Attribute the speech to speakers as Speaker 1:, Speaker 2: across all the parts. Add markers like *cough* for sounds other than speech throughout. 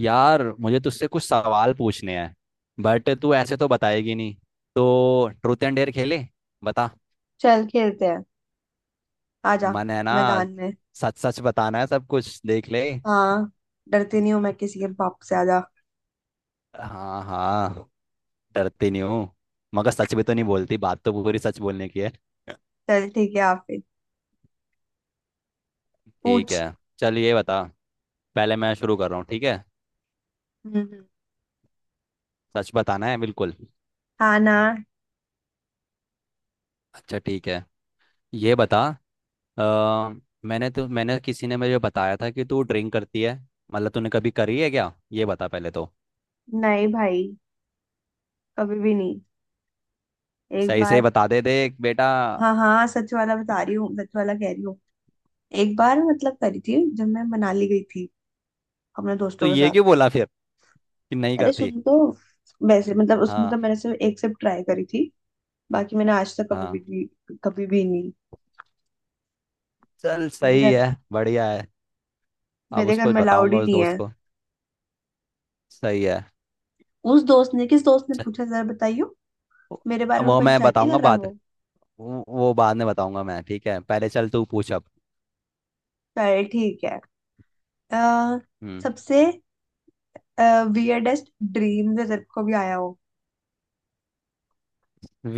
Speaker 1: यार, मुझे तुझसे कुछ सवाल पूछने हैं। बट तू ऐसे तो बताएगी नहीं, तो ट्रूथ एंड डेयर खेले। बता।
Speaker 2: चल खेलते हैं। आजा
Speaker 1: मन है ना।
Speaker 2: मैदान में।
Speaker 1: सच सच बताना है, सब कुछ देख ले।
Speaker 2: हाँ, डरती नहीं हूँ मैं किसी के बाप से। आजा
Speaker 1: हाँ हाँ, डरती नहीं हूँ। मगर सच भी तो नहीं बोलती, बात तो पूरी सच बोलने की है।
Speaker 2: चल ठीक है। आप फिर
Speaker 1: ठीक
Speaker 2: पूछ।
Speaker 1: है। चल ये बता। पहले मैं शुरू कर रहा हूँ, ठीक है।
Speaker 2: हम्म।
Speaker 1: सच बताना है बिल्कुल।
Speaker 2: हाँ ना।
Speaker 1: अच्छा ठीक है, ये बता। अ, मैंने तो मैंने किसी ने मुझे बताया था कि तू ड्रिंक करती है। मतलब तूने कभी करी है क्या? ये बता पहले तो।
Speaker 2: नहीं भाई, कभी भी नहीं। एक
Speaker 1: सही से
Speaker 2: बार।
Speaker 1: बता दे, देख बेटा।
Speaker 2: हाँ हाँ, सच वाला बता रही हूँ, सच वाला कह रही हूँ। एक बार मतलब करी थी जब मैं मनाली गई थी अपने
Speaker 1: तो
Speaker 2: दोस्तों के
Speaker 1: ये
Speaker 2: साथ।
Speaker 1: क्यों बोला फिर कि नहीं
Speaker 2: अरे
Speaker 1: करती?
Speaker 2: सुन तो, वैसे मतलब उसमें तो
Speaker 1: हाँ
Speaker 2: मैंने सिर्फ एक सिर्फ ट्राई करी थी। बाकी मैंने आज तक कभी
Speaker 1: हाँ,
Speaker 2: भी नहीं कभी भी नहीं
Speaker 1: चल
Speaker 2: मेरे
Speaker 1: सही
Speaker 2: घर,
Speaker 1: है, बढ़िया है। अब
Speaker 2: मेरे घर
Speaker 1: उसको
Speaker 2: में अलाउड
Speaker 1: बताऊंगा,
Speaker 2: ही
Speaker 1: उस
Speaker 2: नहीं
Speaker 1: दोस्त
Speaker 2: है।
Speaker 1: को। सही है।
Speaker 2: उस दोस्त ने, किस दोस्त ने
Speaker 1: च-
Speaker 2: पूछा जरा बताइयो।
Speaker 1: वो
Speaker 2: मेरे बारे में
Speaker 1: वो मैं
Speaker 2: पंचायती
Speaker 1: बताऊंगा
Speaker 2: कर रहा है
Speaker 1: बाद।
Speaker 2: वो।
Speaker 1: वो बाद में बताऊंगा मैं, ठीक है। पहले चल तू पूछ अब।
Speaker 2: चल ठीक है। अ,
Speaker 1: हम्म।
Speaker 2: सबसे वियर्डेस्ट ड्रीम जो तेरे को भी आया हो।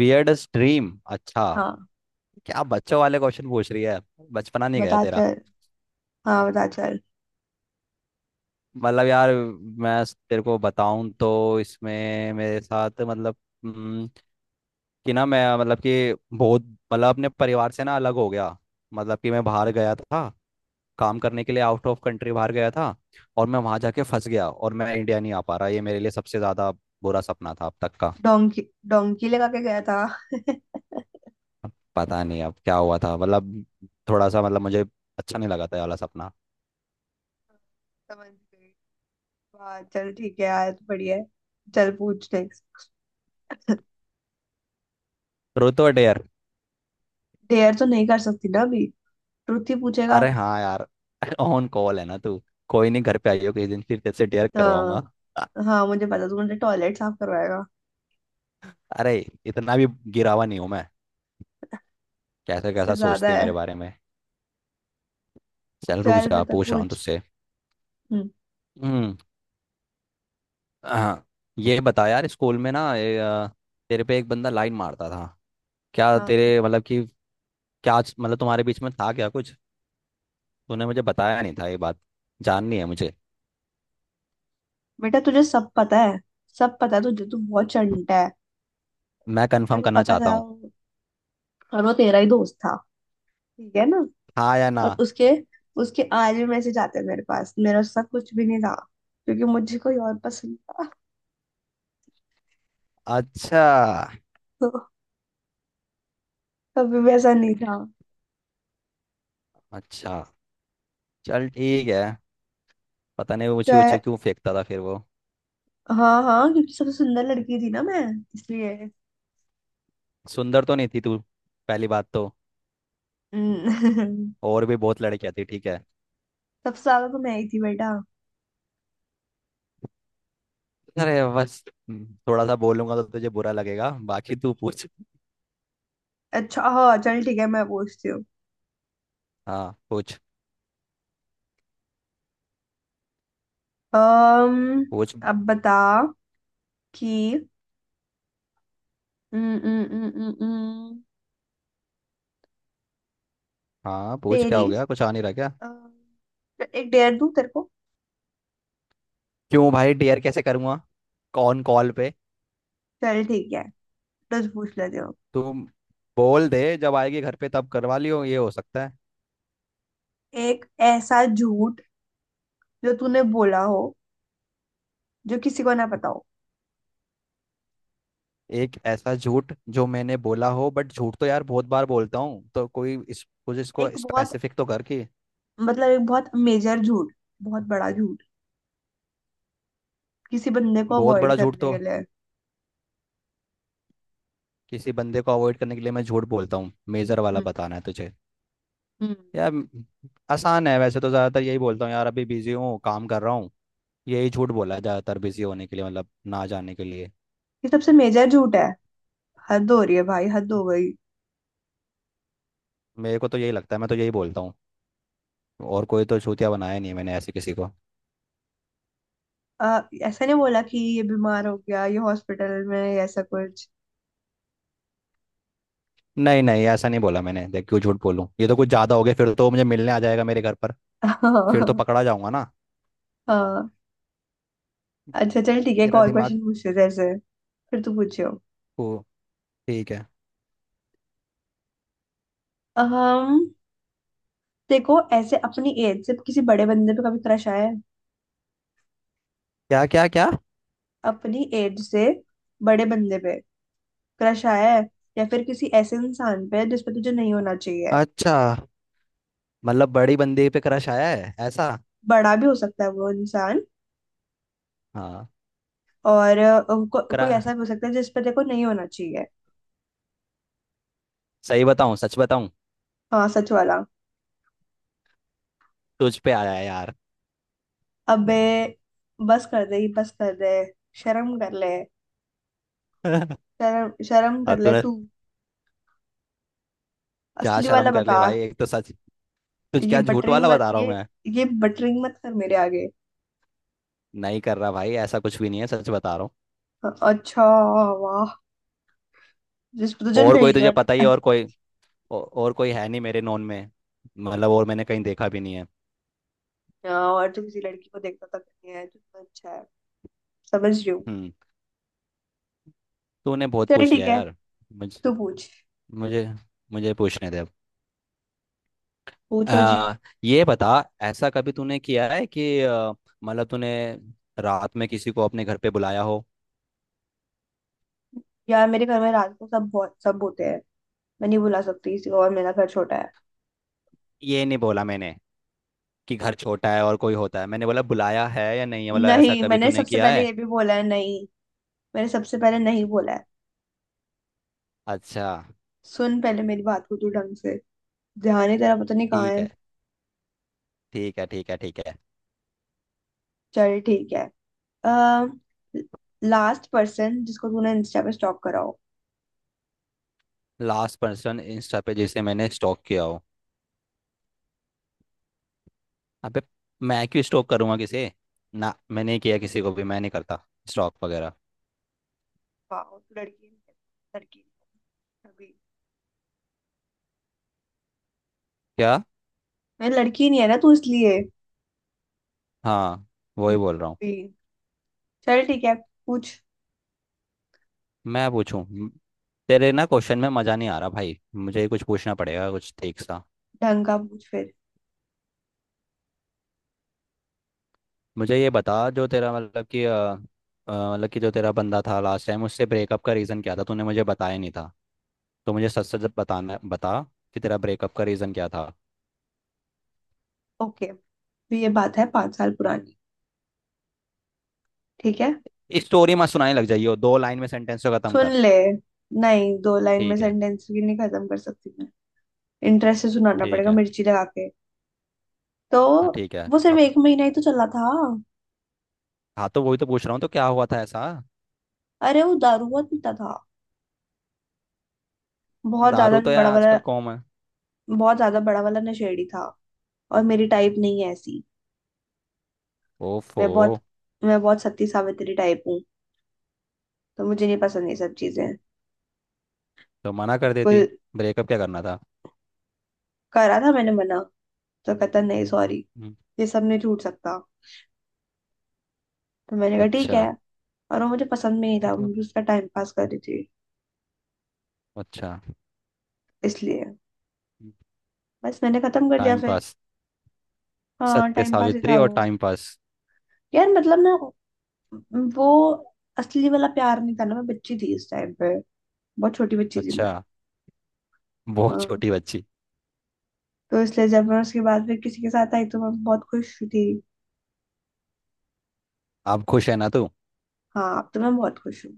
Speaker 1: Weird dream? अच्छा।
Speaker 2: हाँ
Speaker 1: क्या बच्चों वाले क्वेश्चन पूछ रही है? बचपना नहीं गया
Speaker 2: बता
Speaker 1: तेरा।
Speaker 2: चल, हाँ बता चल।
Speaker 1: मतलब यार, मैं तेरे को बताऊं तो इसमें मेरे साथ मतलब, हम्म, कि ना मैं मतलब कि बहुत, मतलब अपने परिवार से ना अलग हो गया। मतलब कि मैं बाहर गया था, काम करने के लिए आउट ऑफ कंट्री बाहर गया था। और मैं वहां जाके फंस गया, और मैं इंडिया नहीं आ पा रहा। ये मेरे लिए सबसे ज्यादा बुरा सपना था अब तक का।
Speaker 2: डोंकी, डोंकी लगा के गया था। *laughs*
Speaker 1: अब पता नहीं अब क्या हुआ था, मतलब थोड़ा सा मतलब मुझे अच्छा नहीं लगा था ये वाला सपना।
Speaker 2: समझ गई। वाह चल ठीक है यार, बढ़िया है। चल पूछ नेक्स्ट।
Speaker 1: ट्रूथ और डेयर।
Speaker 2: डेयर तो नहीं कर सकती ना अभी, ट्रुथ ही पूछेगा।
Speaker 1: अरे हाँ यार। *laughs* ऑन कॉल है ना तू। कोई नहीं, घर पे आइयो किसी दिन, फिर तेरे से डेयर करवाऊंगा।
Speaker 2: हाँ,
Speaker 1: *laughs* अ-
Speaker 2: हाँ मुझे पता तू मुझे टॉयलेट साफ करवाएगा।
Speaker 1: अरे, इतना भी गिरावा नहीं हूं मैं। कैसा
Speaker 2: इससे
Speaker 1: कैसा
Speaker 2: ज्यादा
Speaker 1: सोचती है मेरे
Speaker 2: है।
Speaker 1: बारे में। चल रुक
Speaker 2: चल
Speaker 1: जा,
Speaker 2: बता
Speaker 1: पूछ रहा हूँ
Speaker 2: पूछ।
Speaker 1: तुझसे।
Speaker 2: हम्म।
Speaker 1: हम्म। हाँ, ये बता यार, स्कूल में ना ये, तेरे पे एक बंदा लाइन मारता था। क्या
Speaker 2: हाँ,
Speaker 1: तेरे मतलब कि मतलब तुम्हारे बीच में था क्या कुछ? तूने मुझे बताया नहीं था ये बात। जाननी है मुझे।
Speaker 2: बेटा तुझे सब पता है। सब पता है तुझे, तू बहुत चंटा है।
Speaker 1: मैं
Speaker 2: तेरे
Speaker 1: कंफर्म
Speaker 2: को
Speaker 1: करना
Speaker 2: पता
Speaker 1: चाहता
Speaker 2: था
Speaker 1: हूँ।
Speaker 2: वो- और वो तेरा ही दोस्त था, ठीक है ना।
Speaker 1: हाँ या ना?
Speaker 2: और उसके उसके आज भी मैसेज आते हैं मेरे पास। मेरा उसका कुछ भी नहीं था, क्योंकि मुझे कोई और पसंद था। *laughs*
Speaker 1: अच्छा।
Speaker 2: तो कभी भी ऐसा नहीं था।
Speaker 1: अच्छा चल ठीक है। पता नहीं ऊंची
Speaker 2: चाहे,
Speaker 1: ऊंची क्यों फेंकता था फिर वो।
Speaker 2: हाँ हाँ, क्योंकि सबसे सुंदर लड़की थी ना मैं, इसलिए।
Speaker 1: सुंदर तो नहीं थी तू, पहली बात तो।
Speaker 2: हम्म, *laughs*
Speaker 1: और भी बहुत लड़कियां थी, ठीक है।
Speaker 2: सबसे ज्यादा तो मैं ही थी बेटा।
Speaker 1: अरे बस थोड़ा सा बोलूंगा तो तुझे बुरा लगेगा, बाकी तू पूछ।
Speaker 2: अच्छा हाँ चल ठीक है, मैं पूछती हूँ।
Speaker 1: हाँ, पूछ।
Speaker 2: अम्म,
Speaker 1: पूछ।
Speaker 2: अब बता कि, हम्म, हम्म, हम्म, हम्म, हम्म,
Speaker 1: हाँ पूछ, क्या हो
Speaker 2: सीरीज,
Speaker 1: गया? कुछ आ नहीं रहा क्या?
Speaker 2: एक डेयर दूं तेरे को।
Speaker 1: क्यों भाई? डेयर कैसे करूँगा, कौन कॉल पे?
Speaker 2: चल ठीक है, दस पूछ लेते हो।
Speaker 1: तुम बोल दे, जब आएगी घर पे तब करवा लियो, ये हो सकता है।
Speaker 2: एक ऐसा झूठ जो तूने बोला हो, जो किसी को ना पता हो।
Speaker 1: एक ऐसा झूठ जो मैंने बोला हो, बट झूठ तो यार बहुत बार बोलता हूँ, तो कोई, इस कुछ इसको
Speaker 2: एक बहुत,
Speaker 1: स्पेसिफिक तो कर कि।
Speaker 2: मतलब एक बहुत मेजर झूठ, बहुत बड़ा झूठ, किसी बंदे को
Speaker 1: बहुत
Speaker 2: अवॉइड
Speaker 1: बड़ा झूठ
Speaker 2: करने
Speaker 1: तो
Speaker 2: के लिए।
Speaker 1: किसी बंदे को अवॉइड करने के लिए मैं झूठ बोलता हूँ। मेजर वाला
Speaker 2: हम्म।
Speaker 1: बताना है तुझे?
Speaker 2: हम्म।
Speaker 1: यार, आसान है वैसे, तो ज़्यादातर यही बोलता हूँ यार, अभी बिजी हूँ काम कर रहा हूँ। यही झूठ बोला है ज़्यादातर, बिजी होने के लिए, मतलब ना जाने के लिए।
Speaker 2: ये सबसे मेजर झूठ है। हद हो रही है भाई, हद हो गई।
Speaker 1: मेरे को तो यही लगता है, मैं तो यही बोलता हूँ। और कोई तो छूतिया बनाया नहीं है मैंने ऐसे किसी को।
Speaker 2: ऐसा नहीं बोला कि ये बीमार हो गया, ये हॉस्पिटल में है, ऐसा कुछ।
Speaker 1: नहीं नहीं, ऐसा नहीं बोला मैंने। देख, क्यों झूठ बोलूं? ये तो कुछ ज्यादा हो गया, फिर तो मुझे मिलने आ जाएगा मेरे घर पर।
Speaker 2: *laughs*
Speaker 1: फिर तो
Speaker 2: हाँ।
Speaker 1: पकड़ा जाऊंगा ना।
Speaker 2: अच्छा चल ठीक है, एक
Speaker 1: तेरा
Speaker 2: और
Speaker 1: दिमाग
Speaker 2: क्वेश्चन पूछते तेरे से। फिर तू पूछियो।
Speaker 1: को, ठीक है।
Speaker 2: देखो, ऐसे अपनी एज से किसी बड़े बंदे पे कभी क्रश आया है।
Speaker 1: क्या क्या क्या?
Speaker 2: अपनी एज से बड़े बंदे पे क्रश आया है। या फिर किसी ऐसे इंसान पे जिस पे तुझे नहीं होना चाहिए।
Speaker 1: अच्छा, मतलब बड़ी बंदी पे क्रश आया है ऐसा?
Speaker 2: बड़ा भी हो सकता है वो इंसान।
Speaker 1: हाँ
Speaker 2: और कोई
Speaker 1: करा।
Speaker 2: ऐसा भी हो सकता है जिस पे देखो नहीं होना चाहिए।
Speaker 1: सही बताऊं? सच बताऊं?
Speaker 2: हाँ, सच वाला।
Speaker 1: तुझ पे आया है यार।
Speaker 2: अबे, बस कर दे बस कर दे, शर्म कर ले।
Speaker 1: *laughs*
Speaker 2: शर्म शर्म कर
Speaker 1: अब
Speaker 2: ले
Speaker 1: तूने
Speaker 2: तू।
Speaker 1: क्या?
Speaker 2: असली वाला
Speaker 1: शर्म कर ले
Speaker 2: बता।
Speaker 1: भाई, एक तो सच। तुझ,
Speaker 2: ये
Speaker 1: क्या झूठ
Speaker 2: बटरिंग
Speaker 1: वाला
Speaker 2: मत
Speaker 1: बता रहा हूँ
Speaker 2: ये
Speaker 1: मैं?
Speaker 2: ये बटरिंग मत कर मेरे आगे।
Speaker 1: नहीं कर रहा भाई, ऐसा कुछ भी नहीं है, सच बता रहा हूँ।
Speaker 2: अच्छा, वाह। जिस पे तुझे
Speaker 1: और कोई,
Speaker 2: नहीं
Speaker 1: तुझे पता ही
Speaker 2: आना।
Speaker 1: है। और कोई, और कोई है नहीं मेरे नॉन में। मतलब और मैंने कहीं देखा भी नहीं है।
Speaker 2: हाँ, और तू किसी लड़की को देखता तक नहीं है, कितना अच्छा है। समझ रही हूँ।
Speaker 1: हम्म। तूने बहुत
Speaker 2: चल
Speaker 1: पूछ
Speaker 2: ठीक
Speaker 1: लिया
Speaker 2: है,
Speaker 1: यार। मुझे।
Speaker 2: तू पूछ।
Speaker 1: मुझे मुझे पूछने दे अब।
Speaker 2: पूछो जी।
Speaker 1: आ, ये बता। ऐसा कभी तूने किया है कि, मतलब तूने रात में किसी को अपने घर पे बुलाया हो?
Speaker 2: यार मेरे घर में रात को सब, बहुत सब होते हैं। मैं नहीं बुला सकती किसी को, और मेरा घर छोटा है।
Speaker 1: ये नहीं बोला मैंने कि घर छोटा है और कोई होता है। मैंने बोला बुलाया है या नहीं है, मतलब ऐसा
Speaker 2: नहीं,
Speaker 1: कभी
Speaker 2: मैंने
Speaker 1: तूने
Speaker 2: सबसे
Speaker 1: किया
Speaker 2: पहले
Speaker 1: है?
Speaker 2: ये भी बोला है, नहीं। मैंने सबसे पहले नहीं बोला है।
Speaker 1: अच्छा।
Speaker 2: सुन पहले मेरी बात को तू ढंग से, ध्यान ही तेरा पता नहीं कहाँ
Speaker 1: ठीक
Speaker 2: है।
Speaker 1: है, ठीक है, ठीक है, ठीक है।
Speaker 2: चल ठीक है। आ, लास्ट पर्सन जिसको तूने इंस्टा पे स्टॉक करा हो।
Speaker 1: लास्ट पर्सन इंस्टा पे जिसे मैंने स्टॉक किया हो? अबे, मैं क्यों स्टॉक करूंगा, किसे? ना, मैंने नहीं किया किसी को भी, मैं नहीं करता स्टॉक वगैरह।
Speaker 2: वाह, तू लड़की नहीं है अभी।
Speaker 1: क्या?
Speaker 2: मैं लड़की नहीं है ना तू, इसलिए।
Speaker 1: हाँ,
Speaker 2: हम्म,
Speaker 1: वही बोल रहा हूँ।
Speaker 2: अभी। चल ठीक है, पूछ।
Speaker 1: मैं पूछूं, तेरे ना क्वेश्चन में मज़ा नहीं आ रहा भाई, मुझे कुछ पूछना पड़ेगा कुछ ठीक सा।
Speaker 2: ढंग का पूछ फिर।
Speaker 1: मुझे ये बता, जो तेरा मतलब कि, मतलब कि जो तेरा बंदा था लास्ट टाइम, उससे ब्रेकअप का रीज़न क्या था? तूने मुझे बताया नहीं था। तो मुझे सच सच बताना, बता कि तेरा ब्रेकअप का रीज़न क्या था।
Speaker 2: ओके, तो ये बात है 5 साल पुरानी, ठीक है।
Speaker 1: स्टोरी मत सुनाने लग जाइयो, दो लाइन में सेंटेंस को ख़त्म
Speaker 2: सुन
Speaker 1: कर।
Speaker 2: ले, नहीं दो लाइन में
Speaker 1: ठीक है।
Speaker 2: सेंटेंस भी नहीं खत्म कर सकती मैं। इंटरेस्ट से सुनाना
Speaker 1: ठीक
Speaker 2: पड़ेगा
Speaker 1: है।
Speaker 2: मिर्ची लगा के। तो
Speaker 1: हाँ ठीक है
Speaker 2: वो सिर्फ
Speaker 1: अब।
Speaker 2: 1 महीना ही तो चला था।
Speaker 1: हाँ, तो वही तो पूछ रहा हूँ, तो क्या हुआ था ऐसा?
Speaker 2: अरे वो दारू बहुत पीता था, बहुत
Speaker 1: दारू
Speaker 2: ज्यादा
Speaker 1: तो यार
Speaker 2: बड़ा वाला।
Speaker 1: आजकल कॉम है।
Speaker 2: बहुत ज्यादा बड़ा वाला नशेड़ी था, और मेरी टाइप नहीं है ऐसी।
Speaker 1: ओफो।
Speaker 2: मैं बहुत मैं बहुत सती सावित्री टाइप हूँ, तो मुझे नहीं पसंद ये सब चीजें।
Speaker 1: तो मना कर देती,
Speaker 2: बिल्कुल,
Speaker 1: ब्रेकअप क्या करना था?
Speaker 2: करा था मैंने मना। तो कहता नहीं सॉरी,
Speaker 1: हम्म।
Speaker 2: ये सब नहीं छूट सकता। तो मैंने कहा ठीक
Speaker 1: अच्छा।
Speaker 2: है। और वो मुझे पसंद भी नहीं
Speaker 1: ये
Speaker 2: था,
Speaker 1: तो-
Speaker 2: मैं उसका टाइम पास कर रही थी।
Speaker 1: अच्छा।
Speaker 2: इसलिए बस मैंने खत्म कर दिया
Speaker 1: टाइम
Speaker 2: फिर।
Speaker 1: पास।
Speaker 2: हाँ,
Speaker 1: सत्य
Speaker 2: टाइम पास ही था
Speaker 1: सावित्री और
Speaker 2: वो।
Speaker 1: Time pass?
Speaker 2: यार मतलब ना, वो असली वाला प्यार नहीं था ना, मैं बच्ची थी इस टाइम पे। बहुत छोटी बच्ची थी
Speaker 1: अच्छा,
Speaker 2: मैं।
Speaker 1: बहुत
Speaker 2: हाँ,
Speaker 1: छोटी बच्ची।
Speaker 2: तो इसलिए जब मैं उसके बाद फिर किसी के साथ आई तो मैं बहुत खुश थी।
Speaker 1: आप खुश है ना तू?
Speaker 2: हाँ, अब तो मैं बहुत खुश हूँ।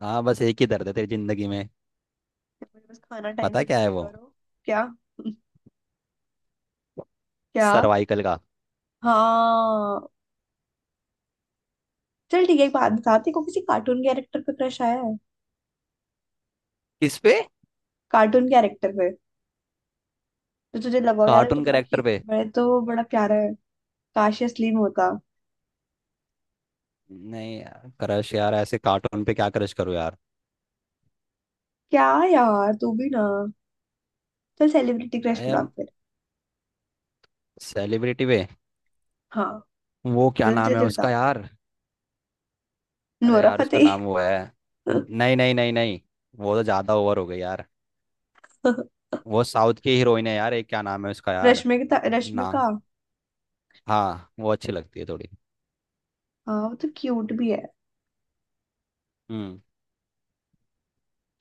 Speaker 1: हाँ, बस एक ही दर्द है तेरी जिंदगी में।
Speaker 2: मुझे बस खाना टाइम
Speaker 1: पता
Speaker 2: से दे
Speaker 1: क्या है
Speaker 2: दिया
Speaker 1: वो?
Speaker 2: करो। क्या। *laughs* क्या।
Speaker 1: सर्वाइकल का।
Speaker 2: हाँ चल ठीक है, एक बात बताती को किसी कार्टून कैरेक्टर पे क्रश आया है।
Speaker 1: किस पे?
Speaker 2: कार्टून कैरेक्टर पे, तो तुझे लगाओ यार ये तो
Speaker 1: कार्टून
Speaker 2: बड़ा क्यू,
Speaker 1: करेक्टर पे?
Speaker 2: बड़े तो बड़ा प्यारा है। काश ये असली में होता।
Speaker 1: नहीं यार, क्रश यार ऐसे कार्टून पे? क्या क्रश करो यार।
Speaker 2: क्या यार, तू भी ना। चल सेलिब्रिटी क्रश
Speaker 1: आई
Speaker 2: बता
Speaker 1: एम,
Speaker 2: फिर।
Speaker 1: सेलिब्रिटी पे?
Speaker 2: हाँ,
Speaker 1: वो क्या
Speaker 2: जल्दी
Speaker 1: नाम है
Speaker 2: जल्दी बता।
Speaker 1: उसका यार? अरे
Speaker 2: नोरा
Speaker 1: यार उसका
Speaker 2: फतेही।
Speaker 1: नाम वो है। नहीं नहीं नहीं नहीं। वो तो ज़्यादा ओवर हो गई यार।
Speaker 2: *laughs*
Speaker 1: वो साउथ की हीरोइन है यार, एक, क्या नाम है उसका यार?
Speaker 2: रश्मिका,
Speaker 1: ना।
Speaker 2: रश्मिका।
Speaker 1: हाँ वो अच्छी लगती है थोड़ी।
Speaker 2: हाँ वो तो क्यूट भी है।
Speaker 1: हम्म।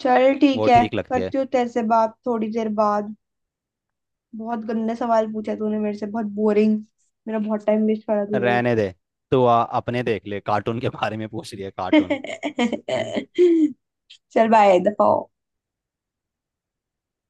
Speaker 2: चल ठीक
Speaker 1: वो
Speaker 2: है।
Speaker 1: ठीक लगती है।
Speaker 2: करती हूँ तेरे से बात थोड़ी देर बाद। बहुत गंदे सवाल पूछे तूने मेरे से, बहुत बोरिंग। मेरा बहुत टाइम वेस्ट करा तूने।
Speaker 1: रहने दे। तू अपने देख ले, कार्टून के बारे में पूछ रही है, कार्टून।
Speaker 2: *laughs* चल बाय, दफा हो।